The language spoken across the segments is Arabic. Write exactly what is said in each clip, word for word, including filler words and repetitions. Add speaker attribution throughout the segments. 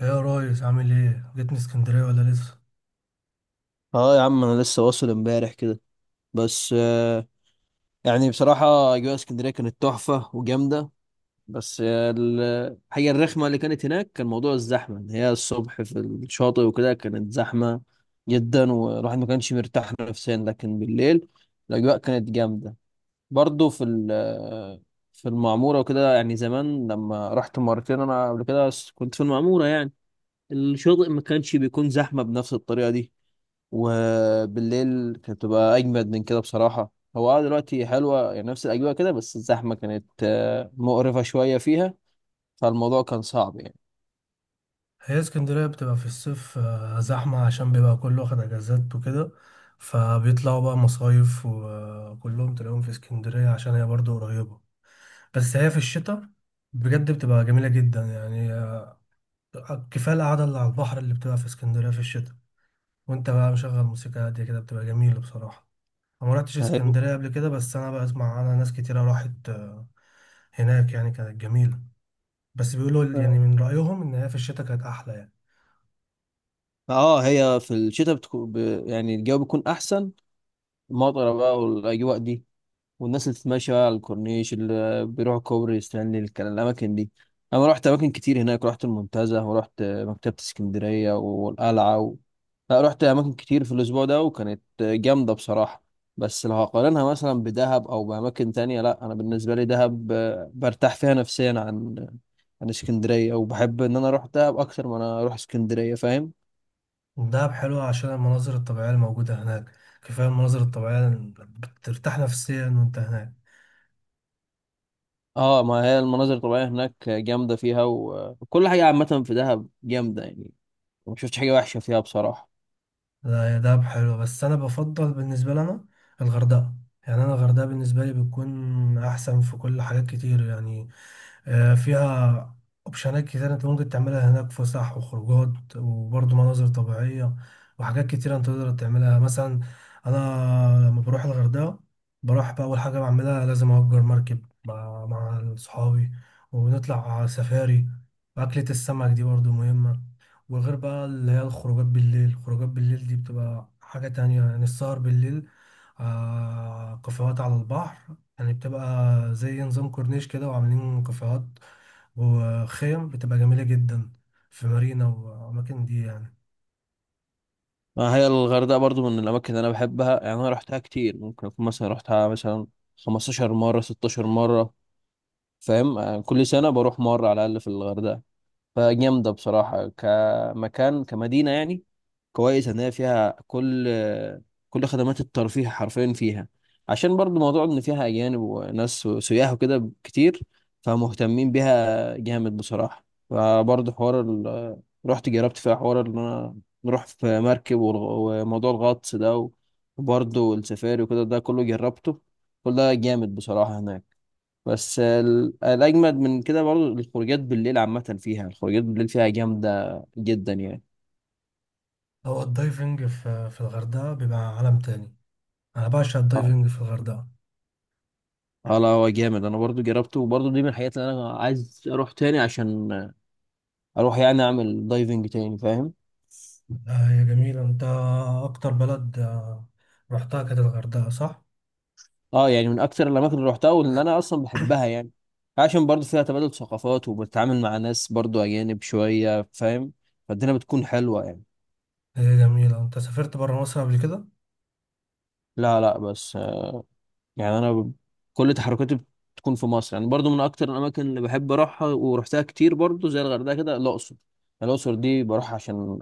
Speaker 1: ايه يا ريس، عامل ايه؟ جيتني اسكندريه ولا لسه؟
Speaker 2: اه يا عم، انا لسه واصل امبارح كده. بس آه، يعني بصراحة اجواء اسكندرية كانت تحفة وجامدة. بس آه، الحاجة الرخمة اللي كانت هناك كان موضوع الزحمة ان هي الصبح في الشاطئ وكده كانت زحمة جدا، والواحد ما كانش مرتاح نفسيا، لكن بالليل الاجواء كانت جامدة برضو في ال- آه، في المعمورة وكده. يعني زمان لما رحت مرتين انا قبل كده كنت في المعمورة، يعني الشاطئ ما كانش بيكون زحمة بنفس الطريقة دي، وبالليل كانت بتبقى اجمد من كده بصراحه. هو اه دلوقتي حلوه، يعني نفس الاجواء كده، بس الزحمه كانت آه، مقرفه شويه فيها، فالموضوع كان صعب يعني.
Speaker 1: هي اسكندريه بتبقى في الصيف آه، زحمه عشان بيبقى كله واخد اجازات وكده، فبيطلعوا بقى مصايف وكلهم تلاقيهم في اسكندريه عشان هي برضو قريبه. بس هي في الشتاء بجد بتبقى جميله جدا يعني، آه، كفايه القعده اللي على البحر اللي بتبقى في اسكندريه في الشتاء وانت بقى مشغل موسيقى هاديه كده بتبقى جميله بصراحه. انا ما رحتش
Speaker 2: هي-
Speaker 1: اسكندريه قبل كده، بس انا بسمع عنها ناس كتيره راحت آه، هناك يعني، كانت جميله. بس بيقولوا ال- يعني من رأيهم إن هي في الشتاء كانت أحلى يعني.
Speaker 2: اه هي في الشتاء بتكون ب... يعني الجو بيكون احسن، المطره بقى والاجواء دي، والناس اللي تتمشى على الكورنيش، اللي بيروحوا كوبري ستانلي الكلام، الأماكن دي. أنا رحت أماكن كتير هناك، رحت المنتزه ورحت مكتبة اسكندرية والقلعة و... لا، رحت أماكن كتير في الأسبوع ده وكانت جامدة بصراحة. بس لو هقارنها مثلا بدهب أو بأماكن تانية، لا أنا بالنسبة لي دهب آه، برتاح فيها نفسيا عن عن اسكندرية، وبحب إن أنا أروح دهب أكتر ما أنا أروح اسكندرية، فاهم.
Speaker 1: دهب حلوة عشان المناظر الطبيعية الموجودة هناك، كفاية المناظر الطبيعية اللي بترتاح نفسيا وأنت هناك.
Speaker 2: اه ما هي المناظر الطبيعية هناك جامدة فيها و- وكل حاجة عامة في دهب جامدة يعني، ما شفتش حاجه وحشه فيها بصراحه.
Speaker 1: لا هي دهب حلوة بس أنا بفضل بالنسبة لنا الغردقة. يعني أنا الغردقة بالنسبة لي بتكون أحسن في كل حاجات كتير يعني، آه، فيها اوبشنات كتير انت ممكن تعملها هناك، فسح وخروجات وبرضه مناظر طبيعية وحاجات كتير انت تقدر تعملها. مثلا انا لما بروح الغردقة بروح بقى اول حاجة بعملها لازم اجر مركب مع مع صحابي ونطلع سفاري، واكلة السمك دي برضه مهمة. وغير بقى اللي هي الخروجات بالليل، الخروجات بالليل دي بتبقى حاجة تانية يعني، السهر بالليل آه كافيهات على البحر، يعني بتبقى زي نظام كورنيش كده وعاملين كافيهات وخيم بتبقى جميلة جدا في مارينا وأماكن دي يعني.
Speaker 2: ما هي الغردقه برضو من الاماكن اللي انا بحبها يعني، انا رحتها كتير، ممكن اكون مثلا رحتها مثلا خمستاشر مره، ستاشر مره، فاهم. آه، كل سنه بروح مره على الاقل في الغردقه، فجامدة بصراحة كمكان كمدينة يعني. كويس إن هي فيها كل كل خدمات الترفيه حرفيا فيها، عشان برضو موضوع إن فيها أجانب وناس سياح وكده كتير، فمهتمين بيها جامد بصراحة. فبرضو حوار ال... رحت جربت فيها حوار إن أنا نروح في مركب والغ- وموضوع الغطس ده، وبرضو السفاري وكده ده كله جربته، كل ده جامد بصراحة هناك. بس ال- الأجمد من كده برضه الخروجات بالليل، عامة فيها الخروجات بالليل فيها جامدة جدا يعني.
Speaker 1: أو الدايفنج في في الغردقة بيبقى عالم تاني، أنا بعشق
Speaker 2: اه.
Speaker 1: الدايفنج في الغردقة.
Speaker 2: اه لا، هو جامد، انا برضو جربته، وبرضو دي من الحاجات اللي انا عايز اروح تاني عشان اروح يعني اعمل دايفنج تاني، فاهم.
Speaker 1: آه، هي جميلة. أنت أكتر بلد آه، رحتها كانت الغردقة، صح؟
Speaker 2: اه يعني من اكتر الاماكن اللي روحتها واللي انا اصلا بحبها يعني، عشان برضو فيها تبادل ثقافات، وبتتعامل مع ناس برضو اجانب شوية، فاهم، فالدنيا بتكون حلوة يعني.
Speaker 1: هي جميلة. أنت سافرت برا مصر قبل كده؟
Speaker 2: لا، لا، بس يعني انا ب- كل تحركاتي بتكون في مصر يعني، برضو من اكتر الاماكن اللي بحب اروحها ورحتها كتير برضو زي الغردقه كده، الاقصر. الاقصر دي بروح عشان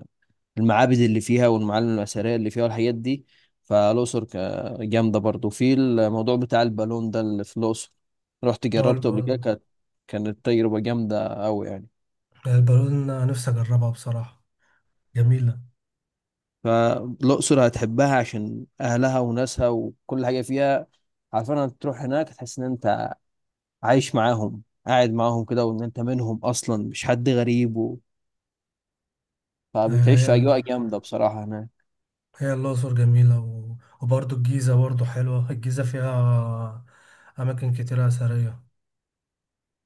Speaker 2: المعابد اللي فيها والمعالم الاثريه اللي فيها والحاجات دي. فالاقصر ك- جامده برضو في الموضوع بتاع البالون ده اللي في الاقصر، رحت
Speaker 1: اه الب-
Speaker 2: جربته قبل كده، كانت كانت تجربه جامده قوي يعني.
Speaker 1: البالون نفسي أجربها بصراحة، جميلة.
Speaker 2: فالاقصر هتحبها عشان اهلها وناسها وكل حاجه فيها، عارفين انك تروح هناك تحس ان انت عايش معاهم، قاعد معاهم كده، وان انت منهم اصلا مش حد غريب و... فبتعيش في
Speaker 1: آه،
Speaker 2: اجواء جامده بصراحه هناك.
Speaker 1: هي الأقصر جميلة، و... وبرضه الجيزة برضه حلوة، الجيزة فيها أماكن كتيرة أثرية.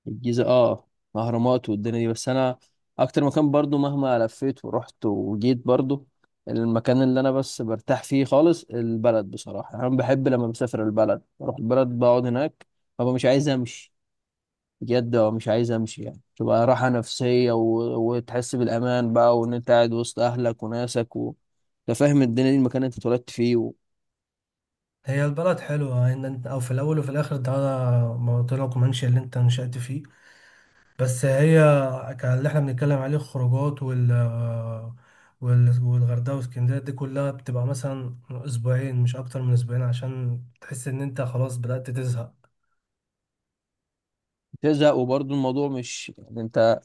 Speaker 2: الجيزه، اه، اهرامات والدنيا دي. بس انا اكتر مكان برضو مهما لفيت ورحت وجيت، برضو المكان اللي انا بس برتاح فيه خالص البلد بصراحه. انا بحب لما بسافر البلد بروح البلد بقعد هناك، ببقى مش عايز امشي، بجد ببقى مش عايز امشي يعني، تبقى راحه نفسيه و... وتحس بالامان بقى، وان انت قاعد وسط اهلك وناسك و... انت فاهم الدنيا دي، المكان اللي انت اتولدت فيه.
Speaker 1: هي البلد حلوة، إن أنت أو في الأول وفي الآخر ده موطنك ومنشأ اللي أنت نشأت فيه. بس هي ك- اللي إحنا بنتكلم عليه الخروجات وال وال- والغردقة واسكندرية دي كلها بتبقى مثلا أسبوعين، مش أكتر من أسبوعين عشان تحس إن أنت خلاص بدأت تزهق.
Speaker 2: تزهق، وبرضه الموضوع مش يعني انت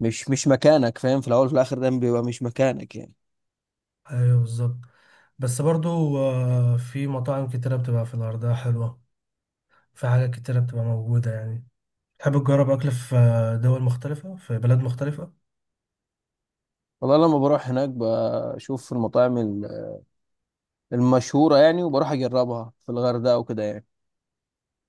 Speaker 2: مش مش مكانك، فاهم، في الاول وفي الاخر ده بيبقى مش مكانك يعني.
Speaker 1: أيوه بالظبط. بس برضو آه، في مطاعم كتيرة بتبقى في الغردقة حلوة، في حاجات كتيرة بتبقى موجودة يعني. تحب تجرب أكل في دول مختلفة في بلاد مختلفة؟
Speaker 2: والله لما بروح هناك بشوف المطاعم ال- المشهورة يعني، وبروح اجربها في الغردقة وكده يعني.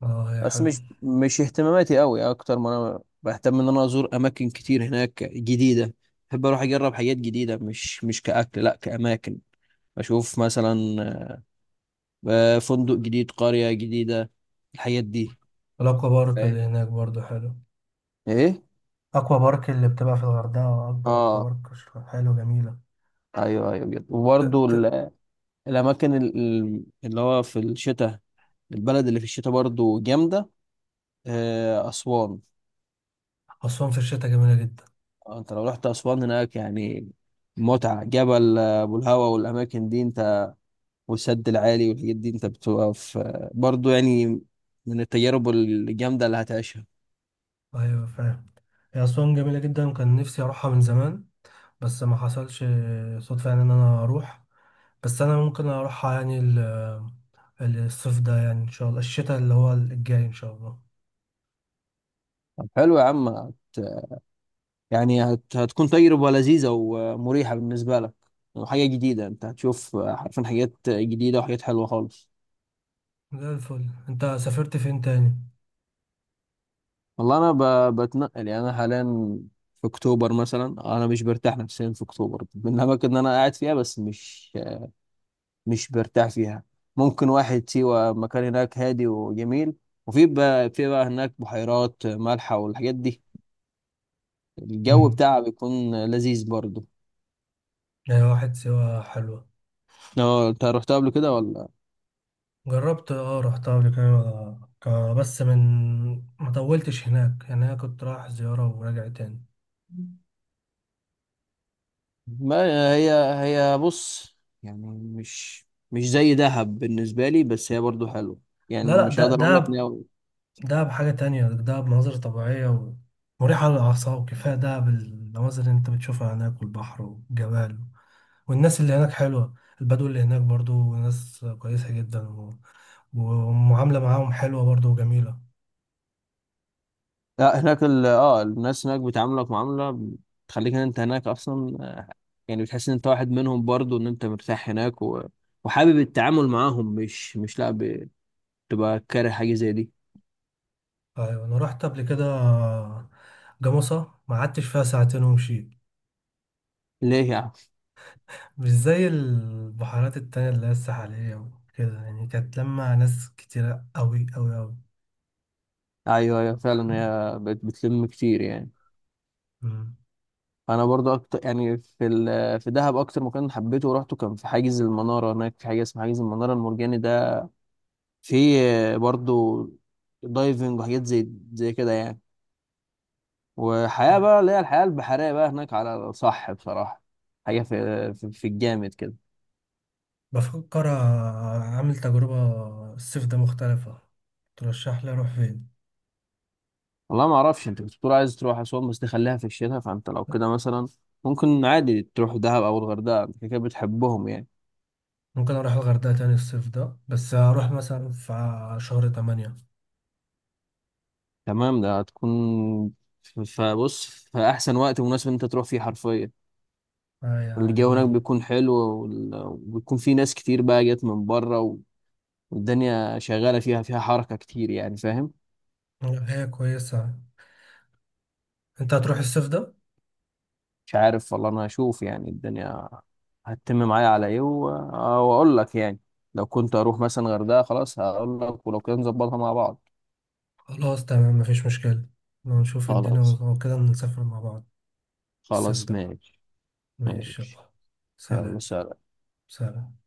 Speaker 1: اه هي
Speaker 2: بس
Speaker 1: حلو.
Speaker 2: مش مش اهتماماتي قوي، اكتر ما انا بهتم ان انا ازور اماكن كتير هناك جديدة، بحب اروح اجرب حاجات جديدة، مش مش كأكل لا كأماكن، اشوف مثلا آه، فندق جديد، قرية جديدة، الحاجات دي.
Speaker 1: الأكوا بارك
Speaker 2: فاهم.
Speaker 1: اللي هناك برضو حلو،
Speaker 2: ايه.
Speaker 1: أكوا بارك اللي بتبقى في الغردقة أكبر أكوا
Speaker 2: اه
Speaker 1: بارك، شكلها حلو جميلة.
Speaker 2: ايوه، ايوه جدا.
Speaker 1: ت-
Speaker 2: وبرضه
Speaker 1: ت-
Speaker 2: الأماكن ال- ال- اللي هو في الشتاء، البلد اللي في الشتاء برضو جامدة، آه، أسوان.
Speaker 1: أسوان في الشتاء جميلة جدا.
Speaker 2: آه، أنت لو رحت أسوان هناك يعني، متعة. جبل آه، أبو الهوا والأماكن دي أنت، والسد العالي والحاجات دي أنت، بتبقى في آه، برضو يعني من التجارب الجامدة اللي هتعيشها.
Speaker 1: أيوة فاهم. هي أسوان جميلة جدا وكان نفسي أروحها من زمان بس ما حصلش صدفة يعني إن أنا أروح. بس أنا ممكن أروحها يعني ال- الصيف ده، يعني إن شاء الله الشتاء اللي هو الجاي إن شاء الله.
Speaker 2: طب حلو يا عم، هت يعني هت هتكون تجربة لذيذة ومريحة بالنسبة لك، وحاجة جديدة، أنت هتشوف آه، حرفيا حاجات جديدة وحاجات حلوة خالص.
Speaker 1: زي الفل. أنت سافرت فين تاني؟
Speaker 2: والله انا ب... بتنقل يعني، انا حاليا في اكتوبر مثلا انا مش برتاح نفسيا، في اكتوبر من الاماكن اللي انا قاعد فيها بس مش مش برتاح فيها. ممكن واحد سيوة، مكان هناك هادي وجميل، وفي بقى في بقى هناك بحيرات مالحة والحاجات دي، الجو
Speaker 1: مم.
Speaker 2: بتاعها بيكون لذيذ برضه.
Speaker 1: يعني واحد سوا حلوة.
Speaker 2: اه انت رحتها قبل كده ولا؟
Speaker 1: جربت، اه رحتها قبل كده آه، ك- بس من ما طولتش هناك يعني، انا كنت رايح زيارة وراجع تاني.
Speaker 2: ما هي هي بص، يعني مش مش زي دهب بالنسبة لي، بس هي برضه حلوة، يعني
Speaker 1: لا لا
Speaker 2: مش
Speaker 1: ده
Speaker 2: هقدر اقول لك.
Speaker 1: ده ده بحاجة تانية، ده بمناظر طبيعية و- مريحة للأعصاب، كفاية ده بالمناظر اللي أنت بتشوفها هناك والبحر والجبال، والناس اللي هناك حلوة. البدو اللي هناك برضو ناس كويسة جدا و- ومعاملة معاهم حلوة برضو وجميلة.
Speaker 2: لا هناك ال اه الناس هناك بتعاملك معاملة بتخليك ان انت هناك اصلا، آه، يعني بتحس ان انت واحد منهم برضو، ان انت مرتاح هناك و... وحابب التعامل معاهم، مش مش لا ب- بتبقى كاره حاجة زي دي.
Speaker 1: ايوه انا رحت قبل كده جمصة، ما قعدتش فيها ساعتين ومشيت.
Speaker 2: ليه يا عم؟
Speaker 1: مش زي البحيرات التانية اللي هي الساحلية وكده يعني، كانت لما ناس كتيرة أوي أوي أوي.
Speaker 2: ايوه، ايوه، فعلا هي بت... بتلم كتير يعني.
Speaker 1: مم.
Speaker 2: انا برضو اكتر يعني في ال... في دهب اكتر مكان حبيته ورحته كان في حاجز المنارة، هناك في حاجة اسمها حاجز المنارة المرجاني ده، في آه، برضو دايفنج وحاجات زي زي كده يعني، وحياة بقى، اللي هي الحياة البحرية بقى هناك على الصح بصراحة. حاجة في في, في الجامد كده.
Speaker 1: بفكر أعمل تجربة الصيف ده مختلفة، ترشح لي أروح فين؟
Speaker 2: والله ما اعرفش، انت كنت بتقول عايز تروح اسوان بس تخليها في الشتاء، فانت لو كده مثلا ممكن عادي تروح دهب او الغردقة، انت كده كده بتحبهم يعني.
Speaker 1: ممكن أروح الغردقة تاني الصيف ده، بس هروح مثلا في شهر تمانية.
Speaker 2: تمام ده هتكون ف- فبص، في احسن وقت مناسب إن انت تروح فيه حرفيا،
Speaker 1: آه يا
Speaker 2: الجو هناك
Speaker 1: جميلة.
Speaker 2: بيكون حلو وال- وبيكون في ناس كتير بقى جت من بره، والدنيا شغالة فيها فيها حركة كتير يعني، فاهم.
Speaker 1: هي كويسة. أنت هتروح الصيف ده؟
Speaker 2: مش عارف والله، انا هشوف يعني الدنيا هتتم معايا على ايه و- آه، واقول لك يعني. لو كنت اروح مثلا غردقة، خلاص هقول لك، ولو كده نظبطها مع بعض.
Speaker 1: خلاص تمام، مفيش مشكلة، نشوف الدنيا
Speaker 2: خلاص،
Speaker 1: وكده نسافر مع بعض الصيف
Speaker 2: خلاص،
Speaker 1: ده.
Speaker 2: ماشي.
Speaker 1: ماشي،
Speaker 2: ماشي،
Speaker 1: يلا،
Speaker 2: يلا.
Speaker 1: سلام.
Speaker 2: سلام.
Speaker 1: سلام.